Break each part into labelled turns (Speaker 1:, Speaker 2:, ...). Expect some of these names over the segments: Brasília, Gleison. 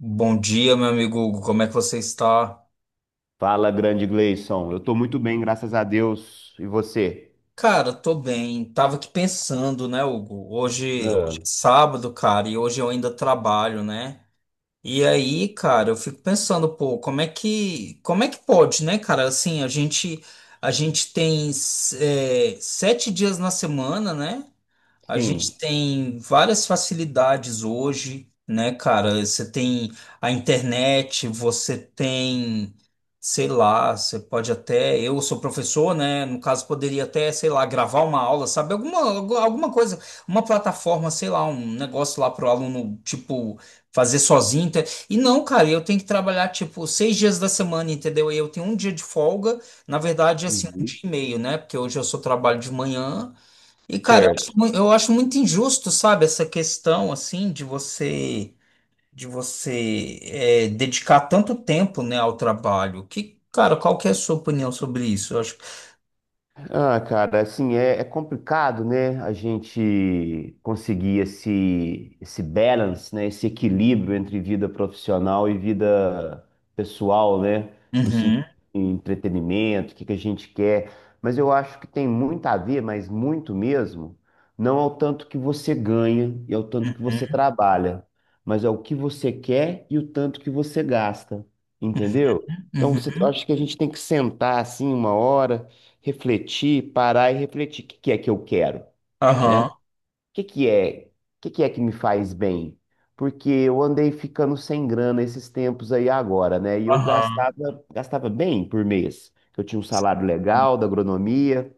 Speaker 1: Bom dia, meu amigo Hugo. Como é que você está?
Speaker 2: Fala, grande Gleison. Eu tô muito bem, graças a Deus. E você?
Speaker 1: Cara, tô bem. Tava aqui pensando, né, Hugo? Hoje,
Speaker 2: Ah,
Speaker 1: hoje é sábado, cara, e hoje eu ainda trabalho, né? E aí, cara, eu fico pensando, pô, como é que pode, né, cara? Assim, a gente tem, sete dias na semana, né? A
Speaker 2: sim.
Speaker 1: gente tem várias facilidades hoje, né, cara? Você tem a internet, você tem, sei lá, você pode até, eu sou professor, né? No caso, poderia até, sei lá, gravar uma aula, sabe? Alguma, alguma coisa, uma plataforma, sei lá, um negócio lá pro aluno, tipo, fazer sozinho. E não, cara, eu tenho que trabalhar, tipo, seis dias da semana, entendeu? E eu tenho um dia de folga, na verdade, assim, um dia
Speaker 2: Uhum.
Speaker 1: e meio, né? Porque hoje eu só trabalho de manhã. E, cara,
Speaker 2: Certo.
Speaker 1: eu acho muito injusto, sabe, essa questão, assim, de você dedicar tanto tempo, né, ao trabalho. Que, cara, qual que é a sua opinião sobre isso? Eu acho...
Speaker 2: Ah, cara, assim, é complicado, né? A gente conseguir esse balance, né? Esse equilíbrio entre vida profissional e vida pessoal, né? No sentido
Speaker 1: Uhum,
Speaker 2: de entretenimento, o que que a gente quer. Mas eu acho que tem muito a ver, mas muito mesmo, não ao tanto que você ganha e ao tanto que você
Speaker 1: uhum,
Speaker 2: trabalha, mas ao que você quer e o tanto que você gasta, entendeu? Então, eu
Speaker 1: uhum.
Speaker 2: acho que a gente tem que sentar assim uma hora refletir, parar e refletir. O que que é que eu quero, né?
Speaker 1: Aham,
Speaker 2: Que que é, o que que é que me faz bem? Porque eu andei ficando sem grana esses tempos aí agora, né? E eu
Speaker 1: aham,
Speaker 2: gastava bem por mês. Eu tinha um salário legal da agronomia,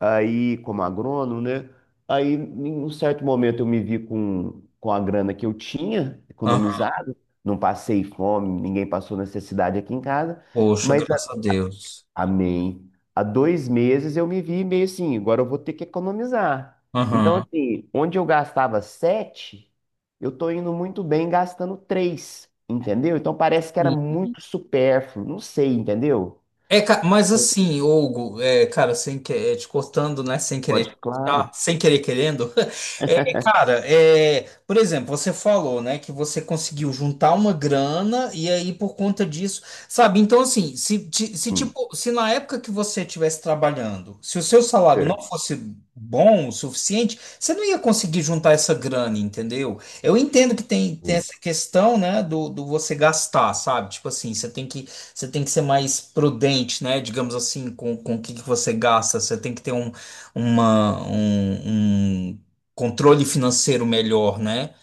Speaker 2: aí como agrônomo, né? Aí, em um certo momento, eu me vi com a grana que eu tinha
Speaker 1: aham.
Speaker 2: economizado. Não passei fome, ninguém passou necessidade aqui em casa.
Speaker 1: Poxa,
Speaker 2: Mas
Speaker 1: graças a Deus.
Speaker 2: Amém. Há 2 meses eu me vi meio assim, agora eu vou ter que economizar. Então,
Speaker 1: Aham.
Speaker 2: assim, onde eu gastava sete, eu tô indo muito bem gastando três, entendeu? Então parece que era muito supérfluo, não sei, entendeu?
Speaker 1: É, mas assim, Hugo, cara, sem que, te cortando, né? Sem querer
Speaker 2: Pode,
Speaker 1: te cortar,
Speaker 2: claro.
Speaker 1: sem querer querendo. É, cara, é, por exemplo, você falou, né, que você conseguiu juntar uma grana e aí por conta disso, sabe? Então, assim, se
Speaker 2: Hum,
Speaker 1: tipo, se na época que você estivesse trabalhando, se o seu salário não
Speaker 2: certo.
Speaker 1: fosse bom o suficiente, você não ia conseguir juntar essa grana, entendeu? Eu entendo que tem, tem
Speaker 2: Hum,
Speaker 1: essa questão, né, do você gastar, sabe? Tipo assim, você tem que ser mais prudente, né? Digamos assim, com o que que você gasta. Você tem que ter um, um controle financeiro melhor, né?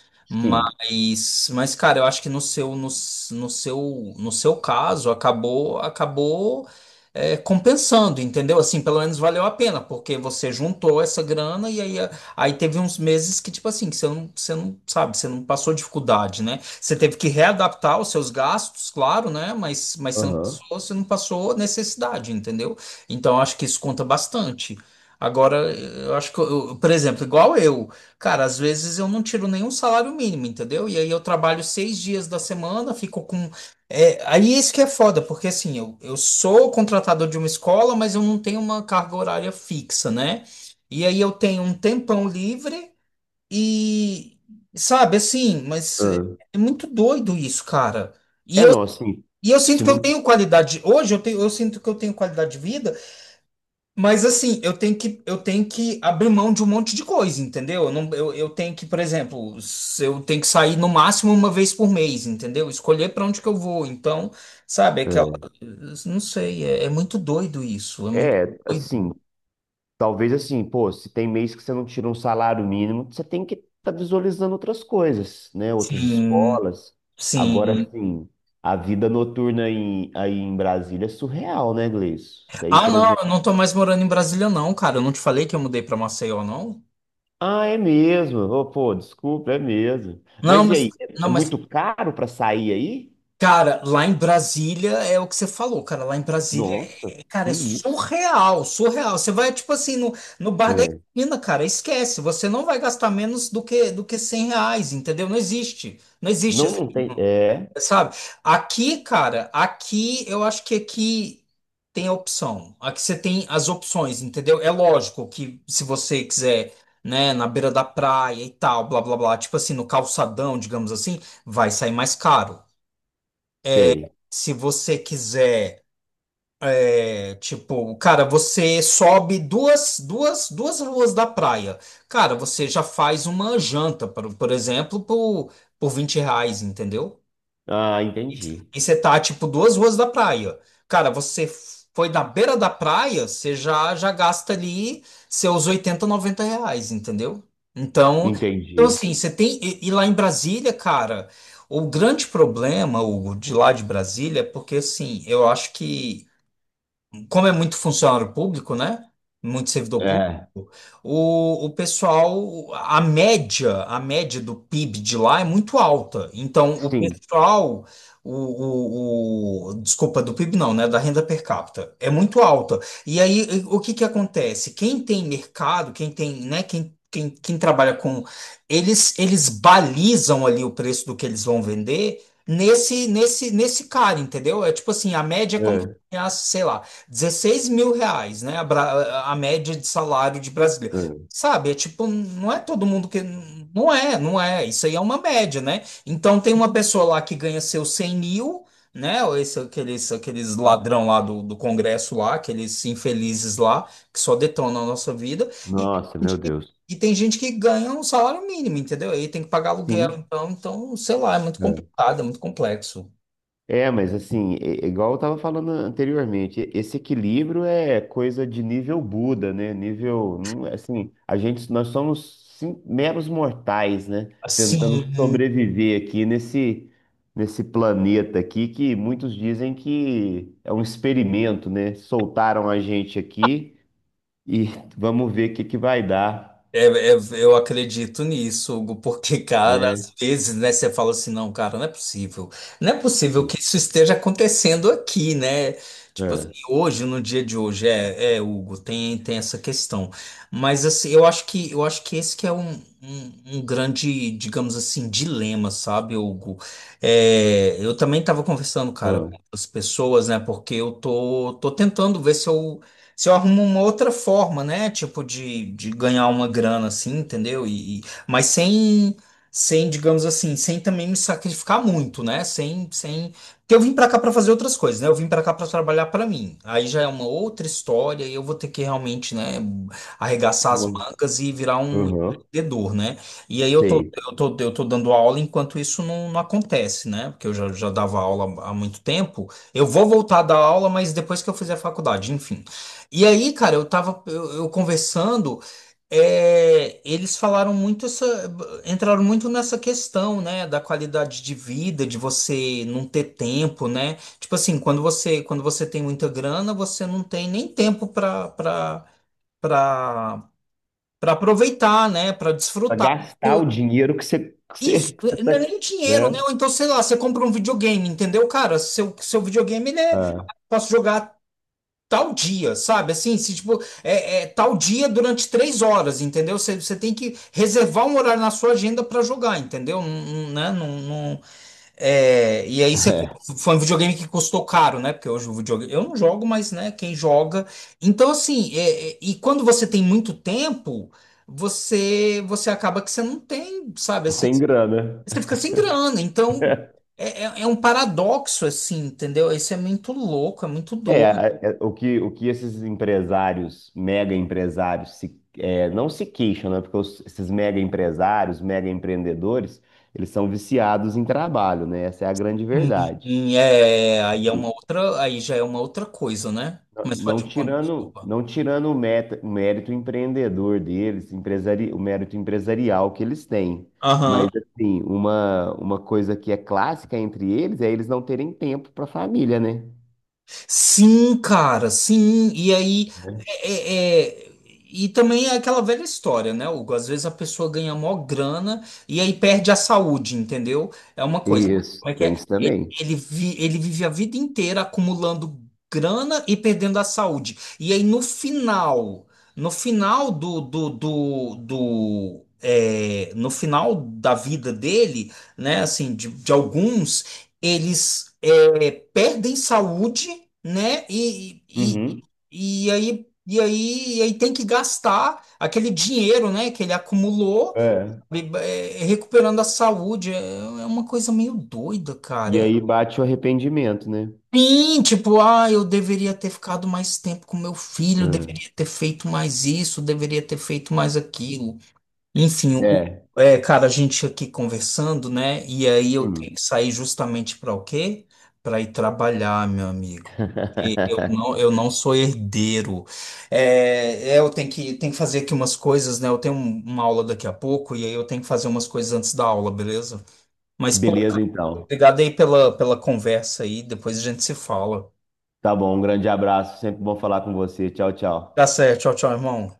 Speaker 2: Sim.
Speaker 1: Mas, cara, eu acho que no seu, no seu, no seu caso, acabou compensando, entendeu? Assim, pelo menos valeu a pena, porque você juntou essa grana e aí, aí teve uns meses que, tipo assim, que você não sabe, você não passou dificuldade, né? Você teve que readaptar os seus gastos, claro, né? Mas
Speaker 2: Aham.
Speaker 1: você não passou necessidade, entendeu? Então, eu acho que isso conta bastante. Agora, eu acho que, por exemplo, igual eu, cara, às vezes eu não tiro nenhum salário mínimo, entendeu? E aí eu trabalho seis dias da semana, fico com. É, aí isso que é foda, porque assim, eu sou contratador de uma escola, mas eu não tenho uma carga horária fixa, né? E aí eu tenho um tempão livre. E, sabe, assim, mas
Speaker 2: Ah.
Speaker 1: é muito doido isso, cara. E
Speaker 2: É,
Speaker 1: eu,
Speaker 2: não, assim,
Speaker 1: e eu sinto
Speaker 2: se
Speaker 1: que eu
Speaker 2: não.
Speaker 1: tenho qualidade. Hoje eu tenho, eu sinto que eu tenho qualidade de vida, mas assim, eu tenho que abrir mão de um monte de coisa, entendeu? Eu, não, eu tenho que, por exemplo, se eu tenho que sair no máximo uma vez por mês, entendeu? Escolher para onde que eu vou. Então, sabe, aquela,
Speaker 2: É,
Speaker 1: não sei, é muito doido isso. É muito
Speaker 2: assim,
Speaker 1: doido.
Speaker 2: talvez assim, pô, se tem mês que você não tira um salário mínimo, você tem que estar visualizando outras coisas, né? Outras
Speaker 1: Sim,
Speaker 2: escolas.
Speaker 1: sim.
Speaker 2: Agora, sim, a vida noturna aí em Brasília é surreal, né, Gleice? Isso aí,
Speaker 1: Ah,
Speaker 2: por
Speaker 1: não, eu
Speaker 2: exemplo.
Speaker 1: não tô mais morando em Brasília, não, cara. Eu não te falei que eu mudei pra Maceió, não?
Speaker 2: Ah, é mesmo? Ô, pô, desculpa, é mesmo.
Speaker 1: Não,
Speaker 2: Mas e
Speaker 1: mas,
Speaker 2: aí, é
Speaker 1: não,
Speaker 2: é
Speaker 1: mas,
Speaker 2: muito caro para sair aí?
Speaker 1: cara, lá em Brasília é o que você falou, cara. Lá em Brasília,
Speaker 2: Nossa,
Speaker 1: cara,
Speaker 2: que
Speaker 1: é
Speaker 2: isso?
Speaker 1: surreal, surreal. Você vai, tipo assim, no bar da
Speaker 2: É.
Speaker 1: esquina, cara, esquece. Você não vai gastar menos do que 100 reais, entendeu? Não existe. Não existe.
Speaker 2: Não, não tem. É,
Speaker 1: Sabe? Aqui, cara, aqui eu acho que aqui tem a opção. Aqui você tem as opções, entendeu? É lógico que se você quiser, né, na beira da praia e tal, blá blá blá, tipo assim, no calçadão, digamos assim, vai sair mais caro.
Speaker 2: sei.
Speaker 1: Se você quiser, é, tipo, cara, você sobe duas ruas da praia. Cara, você já faz uma janta, por exemplo, por 20 reais, entendeu?
Speaker 2: Ah,
Speaker 1: E
Speaker 2: entendi.
Speaker 1: e você tá, tipo, duas ruas da praia. Cara, você foi na beira da praia, você já, já gasta ali seus 80, 90 reais, entendeu? Então, então
Speaker 2: Entendi.
Speaker 1: assim, você tem. E lá em Brasília, cara, o grande problema, Hugo, de lá de Brasília, é porque, assim, eu acho que como é muito funcionário público, né? Muito servidor público,
Speaker 2: É,
Speaker 1: o pessoal, a média do PIB de lá é muito alta. Então, o
Speaker 2: sim.
Speaker 1: pessoal, desculpa, do PIB não, né? Da renda per capita é muito alta. E aí, o que que acontece? Quem tem mercado, quem tem, né? Quem trabalha com, eles balizam ali o preço do que eles vão vender. Nesse cara, entendeu? É tipo assim, a média é como, se
Speaker 2: É,
Speaker 1: sei lá, 16 mil reais, né? A média de salário de brasileiro.
Speaker 2: é.
Speaker 1: Sabe, é tipo, não é todo mundo que. Não é, não é. Isso aí é uma média, né? Então tem uma pessoa lá que ganha seus 100 mil, né? Ou esse, aqueles, aqueles ladrão lá do Congresso lá, aqueles infelizes lá, que só detonam a nossa vida. E,
Speaker 2: Nossa,
Speaker 1: tem
Speaker 2: meu
Speaker 1: gente que-
Speaker 2: Deus.
Speaker 1: e tem gente que ganha um salário mínimo, entendeu? Aí tem que pagar aluguel,
Speaker 2: Sim.
Speaker 1: então, então, sei lá, é muito
Speaker 2: É,
Speaker 1: complicado, é muito complexo.
Speaker 2: é, mas assim, é igual eu tava falando anteriormente, esse equilíbrio é coisa de nível Buda, né? Nível, é, assim, nós somos meros mortais, né?
Speaker 1: Assim.
Speaker 2: Tentando sobreviver aqui nesse planeta aqui que muitos dizem que é um experimento, né? Soltaram a gente aqui e vamos ver o que que vai dar,
Speaker 1: É, é, eu acredito nisso, Hugo, porque, cara,
Speaker 2: né?
Speaker 1: às vezes, né, você fala assim, não, cara, não é possível. Não é possível
Speaker 2: É.
Speaker 1: que isso esteja acontecendo aqui, né? Tipo assim,
Speaker 2: É.
Speaker 1: hoje, no dia de hoje, Hugo, tem, tem essa questão. Mas assim, eu acho que esse que é um, um grande, digamos assim, dilema, sabe, Hugo? É, eu também estava conversando, cara,
Speaker 2: Ah,
Speaker 1: com as pessoas, né? Porque eu tô, tô tentando ver se eu se eu arrumo uma outra forma, né? Tipo, de ganhar uma grana, assim, entendeu? Mas sem, sem, digamos assim, sem também me sacrificar muito, né? Sem, sem... Porque eu vim pra cá pra fazer outras coisas, né? Eu vim pra cá pra trabalhar pra mim. Aí já é uma outra história e eu vou ter que realmente, né, arregaçar as
Speaker 2: uma-
Speaker 1: mangas e virar um
Speaker 2: Uhum.
Speaker 1: empreendedor, né? E aí
Speaker 2: Sei.
Speaker 1: eu tô dando aula enquanto isso não, não acontece, né? Porque eu já, já dava aula há muito tempo. Eu vou voltar a dar aula, mas depois que eu fizer a faculdade, enfim. E aí, cara, eu conversando, eles falaram muito essa, entraram muito nessa questão, né, da qualidade de vida, de você não ter tempo, né? Tipo assim, quando você tem muita grana, você não tem nem tempo para para aproveitar, né, para
Speaker 2: Pra
Speaker 1: desfrutar.
Speaker 2: gastar
Speaker 1: Eu-
Speaker 2: o dinheiro que você, que você,
Speaker 1: Isso,
Speaker 2: que você tá,
Speaker 1: não é nem dinheiro, né?
Speaker 2: né?
Speaker 1: Ou então, sei lá, você compra um videogame, entendeu, cara? Seu videogame, ele é
Speaker 2: Ah,
Speaker 1: posso jogar tal dia, sabe? Assim, se tipo, é tal dia durante três horas, entendeu? Você tem que reservar um horário na sua agenda para jogar, entendeu? Não, não, né? É, e aí você
Speaker 2: é.
Speaker 1: foi um videogame que custou caro, né? Porque hoje o videogame, eu não jogo, mas né, quem joga. Então, assim, e quando você tem muito tempo, você acaba que você não tem, sabe?
Speaker 2: Não
Speaker 1: Assim,
Speaker 2: tem grana.
Speaker 1: você fica sem grana. Então, é um paradoxo, assim, entendeu? Isso é muito louco, é muito doido.
Speaker 2: O que esses empresários, mega empresários, se, é, não se queixam, né? Porque esses mega empresários, mega empreendedores, eles são viciados em trabalho, né? Essa é a grande
Speaker 1: Hum,
Speaker 2: verdade.
Speaker 1: aí é uma outra, aí já é uma outra coisa, né? Mas
Speaker 2: Não
Speaker 1: pode,
Speaker 2: tirando,
Speaker 1: desculpa.
Speaker 2: não tirando o mérito empreendedor deles, o mérito empresarial que eles têm.
Speaker 1: Aham.
Speaker 2: Mas, assim, uma coisa que é clássica entre eles é eles não terem tempo para a família, né?
Speaker 1: Sim, cara, sim. E aí é, é- é- e também é aquela velha história, né, Hugo? Às vezes a pessoa ganha mó grana e aí perde a saúde, entendeu? É uma coisa.
Speaker 2: Isso, tem isso também.
Speaker 1: Ele vive a vida inteira acumulando grana e perdendo a saúde. E aí no final, no final do, do, do, do no final da vida dele, né, assim, de alguns, eles perdem saúde, né, e,
Speaker 2: Uhum.
Speaker 1: e aí tem que gastar aquele dinheiro, né, que ele acumulou,
Speaker 2: É.
Speaker 1: recuperando a saúde. É uma coisa meio doida,
Speaker 2: E
Speaker 1: cara.
Speaker 2: aí bate o arrependimento, né?
Speaker 1: Sim, tipo, ah, eu deveria ter ficado mais tempo com meu filho,
Speaker 2: Hum.
Speaker 1: deveria ter feito mais isso, deveria ter feito mais aquilo. Enfim,
Speaker 2: É.
Speaker 1: é, cara, a gente aqui conversando, né? E aí eu tenho
Speaker 2: Hum.
Speaker 1: que sair justamente para o quê? Para ir trabalhar, meu amigo. Eu não sou herdeiro. É, é, eu tenho que fazer aqui umas coisas, né? Eu tenho uma aula daqui a pouco e aí eu tenho que fazer umas coisas antes da aula, beleza? Mas, pô,
Speaker 2: Beleza,
Speaker 1: cara,
Speaker 2: então.
Speaker 1: obrigado aí pela, pela conversa aí. Depois a gente se fala.
Speaker 2: Tá bom, um grande abraço. Sempre bom falar com você. Tchau, tchau.
Speaker 1: Tá certo. Tchau, tchau, irmão.